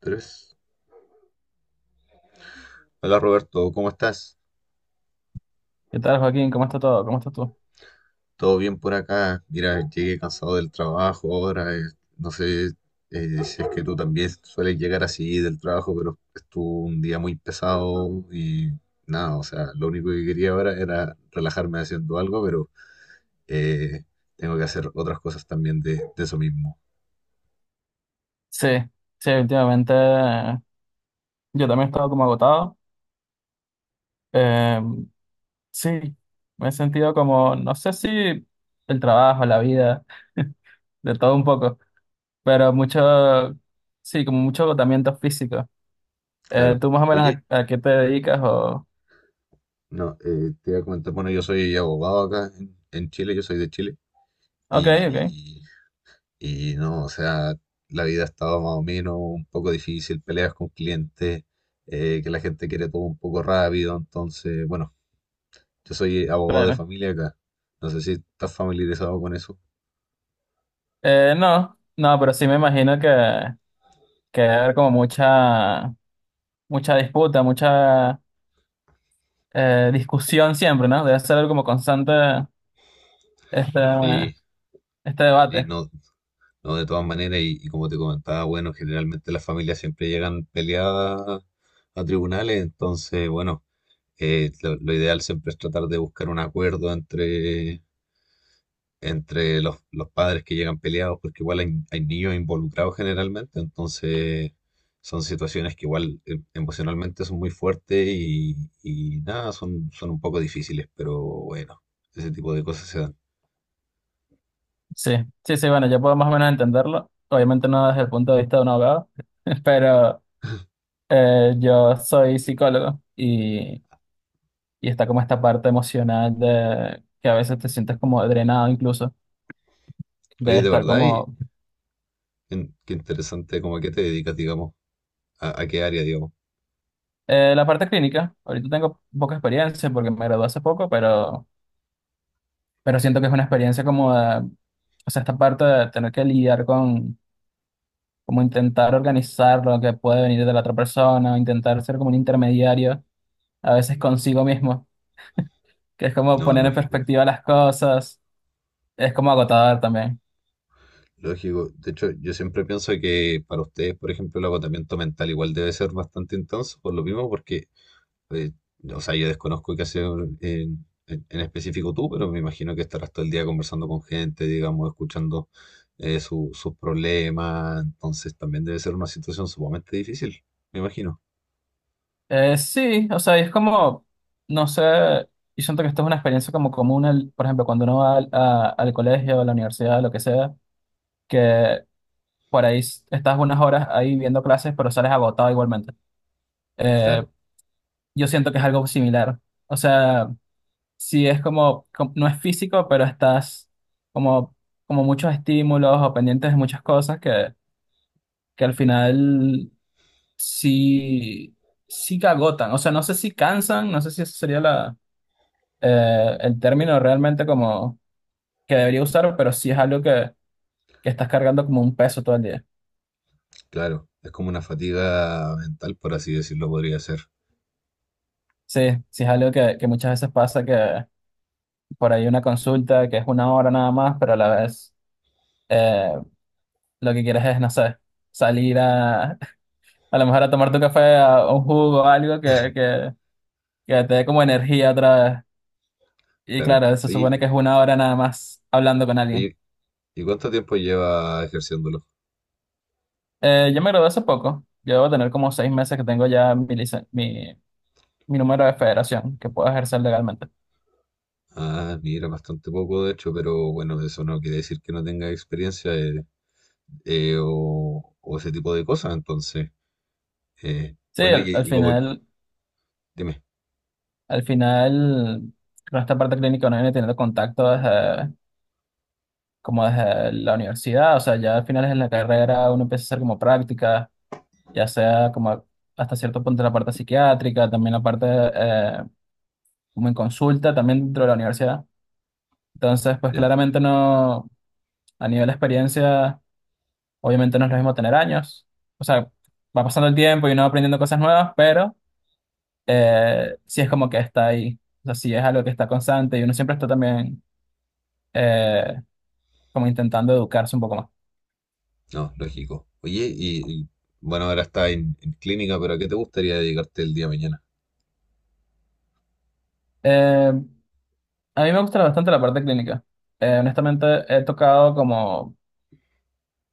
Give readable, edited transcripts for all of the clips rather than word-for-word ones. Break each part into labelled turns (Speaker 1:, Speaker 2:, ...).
Speaker 1: Tres. Hola Roberto, ¿cómo estás?
Speaker 2: ¿Qué tal, Joaquín? ¿Cómo está todo? ¿Cómo estás tú?
Speaker 1: ¿Todo bien por acá? Mira, llegué cansado del trabajo ahora. No sé, si es que tú también sueles llegar así del trabajo, pero estuvo un día muy pesado y nada, o sea, lo único que quería ahora era relajarme haciendo algo, pero eh, tengo que hacer otras cosas también de eso mismo.
Speaker 2: Sí, sí, últimamente yo también he estado como agotado. Eh, sí, me he sentido como, no sé si el trabajo, la vida, de todo un poco, pero mucho, sí, como mucho agotamiento físico.
Speaker 1: Claro.
Speaker 2: ¿Tú más o menos
Speaker 1: Oye,
Speaker 2: a qué te dedicas? O...
Speaker 1: no, te iba a comentar, bueno, yo soy abogado acá en Chile, yo soy de Chile
Speaker 2: Ok, ok,
Speaker 1: y. No, o sea, la vida ha estado más o menos un poco difícil, peleas con clientes, que la gente quiere todo un poco rápido, entonces, bueno, yo soy abogado de
Speaker 2: bueno.
Speaker 1: familia acá, no sé si estás familiarizado con eso.
Speaker 2: No, no, pero sí me imagino que debe haber como mucha, mucha disputa, mucha discusión siempre, ¿no? Debe ser algo como constante este,
Speaker 1: Sí,
Speaker 2: este
Speaker 1: sí,
Speaker 2: debate.
Speaker 1: no, no, de todas maneras, y como te comentaba, bueno, generalmente las familias siempre llegan peleadas a tribunales, entonces, bueno, lo ideal siempre es tratar de buscar un acuerdo entre los padres que llegan peleados, porque igual hay niños involucrados generalmente, entonces son situaciones que igual emocionalmente son muy fuertes y nada, son, son un poco difíciles, pero bueno, ese tipo de cosas se dan.
Speaker 2: Sí, sí, sí, bueno, yo puedo más o menos entenderlo. Obviamente no desde el punto de vista de un abogado, pero yo soy psicólogo y está como esta parte emocional de que a veces te sientes como drenado incluso, de
Speaker 1: Oye, de
Speaker 2: estar
Speaker 1: verdad, y,
Speaker 2: como...
Speaker 1: qué interesante, cómo a qué te dedicas, digamos, a qué área, digamos.
Speaker 2: La parte clínica, ahorita tengo poca experiencia porque me gradué hace poco, pero siento que es una experiencia como de, o sea, esta parte de tener que lidiar con, como intentar organizar lo que puede venir de la otra persona, o intentar ser como un intermediario a veces consigo mismo, que es como
Speaker 1: No,
Speaker 2: poner en
Speaker 1: lógico.
Speaker 2: perspectiva las cosas, es como agotador también.
Speaker 1: Lógico, de hecho yo siempre pienso que para ustedes, por ejemplo, el agotamiento mental igual debe ser bastante intenso, por lo mismo, porque Eh, o sea, yo desconozco qué hacer, eh, en específico tú, pero me imagino que estarás todo el día conversando con gente, digamos, escuchando sus problemas, entonces también debe ser una situación sumamente difícil, me imagino.
Speaker 2: Sí, o sea, y es como, no sé, yo siento que esto es una experiencia como común, por ejemplo, cuando uno va al, al colegio, a la universidad, lo que sea, que por ahí estás unas horas ahí viendo clases, pero sales agotado igualmente. Eh,
Speaker 1: Claro,
Speaker 2: yo siento que es algo similar. O sea, sí es como, no es físico, pero estás como, como muchos estímulos o pendientes de muchas cosas que al final sí, sí que agotan. O sea, no sé si cansan, no sé si ese sería la, el término realmente como que debería usar, pero sí es algo que estás cargando como un peso todo el día.
Speaker 1: claro, es como una fatiga mental, por así decirlo, podría ser,
Speaker 2: Sí, sí es algo que muchas veces pasa que por ahí una consulta que es una hora nada más, pero a la vez eh, lo que quieres es, no sé, salir a, a lo mejor a tomar tu café, a un jugo o algo que te dé como energía otra vez. Y
Speaker 1: claro.
Speaker 2: claro, se
Speaker 1: Oye,
Speaker 2: supone que es una hora nada más hablando con alguien.
Speaker 1: oye, ¿y cuánto tiempo lleva ejerciéndolo?
Speaker 2: Yo me gradué hace poco. Yo debo tener como 6 meses que tengo ya mi, mi, mi número de federación que puedo ejercer legalmente.
Speaker 1: Ah, mira, bastante poco, de hecho, pero bueno, eso no quiere decir que no tenga experiencia, o ese tipo de cosas, entonces.
Speaker 2: Sí,
Speaker 1: Bueno, y,
Speaker 2: al,
Speaker 1: y como, dime,
Speaker 2: al final, con esta parte clínica uno viene teniendo contacto desde, como desde la universidad. O sea, ya al final en la carrera uno empieza a hacer como prácticas ya sea como hasta cierto punto la parte psiquiátrica, también la parte como en consulta, también dentro de la universidad. Entonces, pues
Speaker 1: ya,
Speaker 2: claramente no, a nivel de experiencia. Obviamente no es lo mismo tener años. O sea, va pasando el tiempo y uno va aprendiendo cosas nuevas, pero sí es como que está ahí. O sea, sí es algo que está constante y uno siempre está también eh, como intentando educarse un poco más.
Speaker 1: no, lógico. Oye, y, bueno, ahora está en clínica, pero ¿a qué te gustaría dedicarte el día de mañana?
Speaker 2: Eh, a mí me gusta bastante la parte clínica. Honestamente, he tocado como,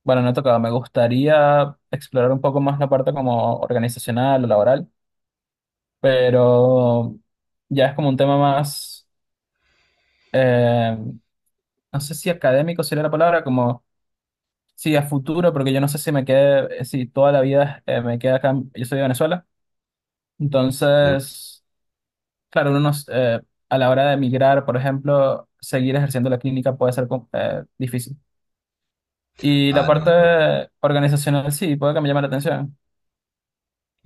Speaker 2: bueno, no he tocado, me gustaría explorar un poco más la parte como organizacional o laboral, pero ya es como un tema más, eh, no sé si académico sería la palabra, como sí, a futuro, porque yo no sé si me quede, si toda la vida me queda acá, yo soy de Venezuela,
Speaker 1: ¿Ya?
Speaker 2: entonces, claro, uno nos, a la hora de emigrar, por ejemplo, seguir ejerciendo la clínica puede ser difícil. Y la
Speaker 1: Ah, no, de todas maneras,
Speaker 2: parte organizacional sí, puede que me llame la atención.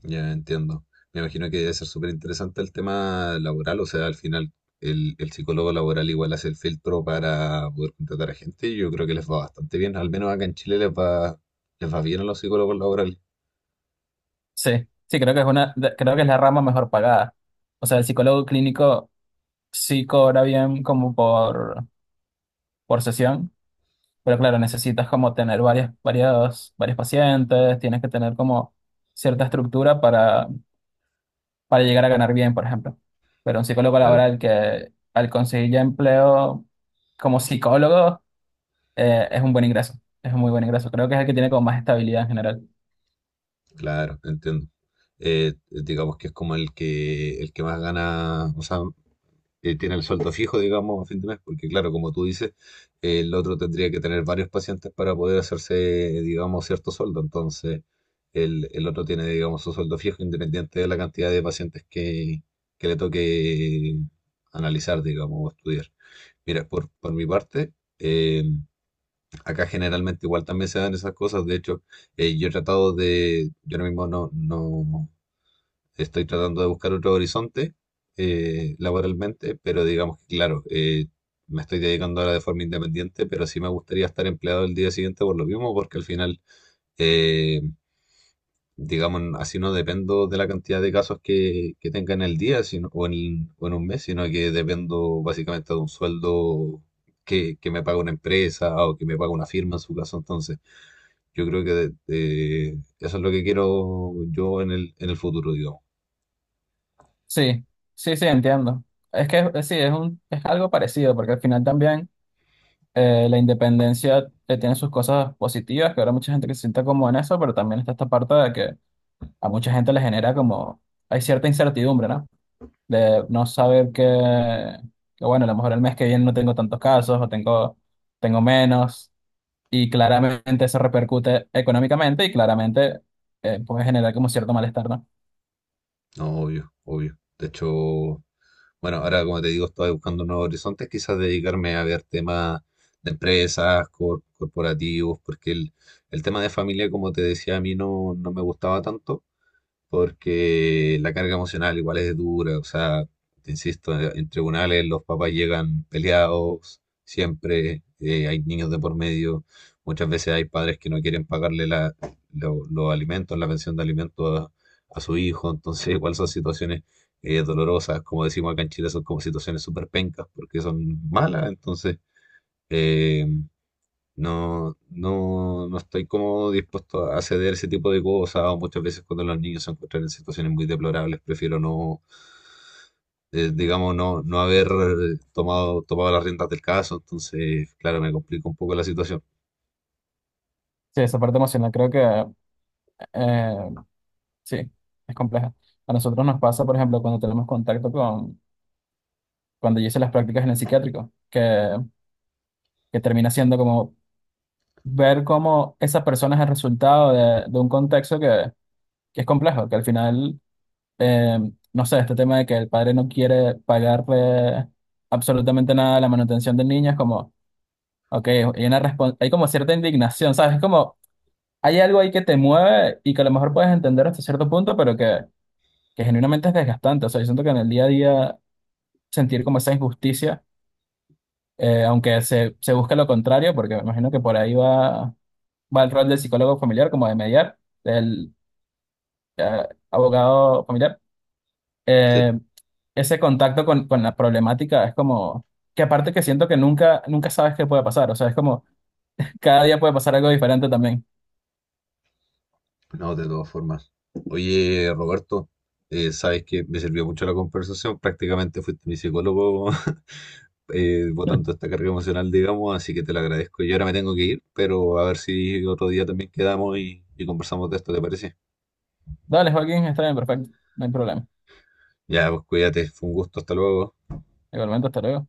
Speaker 1: ya entiendo. Me imagino que debe ser súper interesante el tema laboral, o sea, al final el psicólogo laboral igual hace el filtro para poder contratar a gente y yo creo que les va bastante bien, al menos acá en Chile les va bien a los psicólogos laborales.
Speaker 2: Sí, sí, creo que es una, creo que es la rama mejor pagada. O sea, el psicólogo clínico sí cobra bien como por sesión. Pero claro, necesitas como tener varias, varias, varios pacientes, tienes que tener como cierta estructura para llegar a ganar bien, por ejemplo. Pero un psicólogo
Speaker 1: Claro,
Speaker 2: laboral que al conseguir ya empleo como psicólogo, es un buen ingreso, es un muy buen ingreso. Creo que es el que tiene como más estabilidad en general.
Speaker 1: claro, entiendo, digamos que es como el que más gana, o sea, tiene el sueldo fijo, digamos, a fin de mes, porque claro, como tú dices, el otro tendría que tener varios pacientes para poder hacerse, digamos, cierto sueldo. Entonces, el otro tiene, digamos, su sueldo fijo independiente de la cantidad de pacientes que le toque analizar, digamos, o estudiar. Mira, por mi parte, eh, acá generalmente igual también se dan esas cosas. De hecho, yo he tratado de, yo ahora mismo no, no, estoy tratando de buscar otro horizonte, laboralmente, pero digamos que, claro, me estoy dedicando ahora de forma independiente, pero sí me gustaría estar empleado el día siguiente por lo mismo, porque al final, eh, digamos, así no dependo de la cantidad de casos que tenga en el día sino, o en un mes, sino que dependo básicamente de un sueldo que me paga una empresa o que me paga una firma en su caso. Entonces, yo creo que eso es lo que quiero yo en el futuro, digamos.
Speaker 2: Sí, sí, sí, entiendo. Es que sí, es un, es algo parecido, porque al final también la independencia tiene sus cosas positivas, que ahora mucha gente que se sienta como en eso, pero también está esta parte de que a mucha gente le genera como, hay cierta incertidumbre, ¿no? De no saber que, bueno, a lo mejor el mes que viene no tengo tantos casos o tengo, tengo menos y claramente eso repercute económicamente y claramente puede generar como cierto malestar, ¿no?
Speaker 1: No, obvio, obvio. De hecho, bueno, ahora como te digo, estoy buscando nuevos horizontes, quizás dedicarme a ver temas de empresas, corporativos, porque el tema de familia, como te decía, a mí no, no me gustaba tanto porque la carga emocional igual es dura, o sea, te insisto, en tribunales los papás llegan peleados, siempre hay niños de por medio, muchas veces hay padres que no quieren pagarle la, los alimentos, la pensión de alimentos a su hijo, entonces igual son situaciones dolorosas, como decimos acá en Chile, son como situaciones súper pencas, porque son malas, entonces… eh, no, no, no estoy como dispuesto a ceder ese tipo de cosas. O muchas veces cuando los niños se encuentran en situaciones muy deplorables, prefiero no, digamos, no, no haber tomado las riendas del caso. Entonces, claro, me complica un poco la situación.
Speaker 2: Sí, esa parte emocional creo que eh, sí, es compleja. A nosotros nos pasa, por ejemplo, cuando tenemos contacto con, cuando yo hice las prácticas en el psiquiátrico, que termina siendo como ver cómo esa persona es el resultado de un contexto que es complejo, que al final, eh, no sé, este tema de que el padre no quiere pagarle absolutamente nada a la manutención del niño, es como, ok, hay una hay como cierta indignación, ¿sabes? Es como, hay algo ahí que te mueve y que a lo mejor puedes entender hasta cierto punto, pero que genuinamente es desgastante. O sea, yo siento que en el día a día sentir como esa injusticia, aunque se busque lo contrario, porque me imagino que por ahí va, va el rol del psicólogo familiar, como de mediar, del abogado familiar.
Speaker 1: Sí.
Speaker 2: eh, Ese contacto con la problemática es como que aparte que siento que nunca, nunca sabes qué puede pasar. O sea, es como cada día puede pasar algo diferente también.
Speaker 1: No, de todas formas. Oye, Roberto, sabes que me sirvió mucho la conversación. Prácticamente fuiste mi psicólogo botando esta carga emocional, digamos, así que te lo agradezco. Yo ahora me tengo que ir, pero a ver si otro día también quedamos y conversamos de esto, ¿te parece?
Speaker 2: Dale, Joaquín, está bien, perfecto. No hay problema.
Speaker 1: Ya, pues cuídate, fue un gusto, hasta luego.
Speaker 2: Igualmente, hasta luego.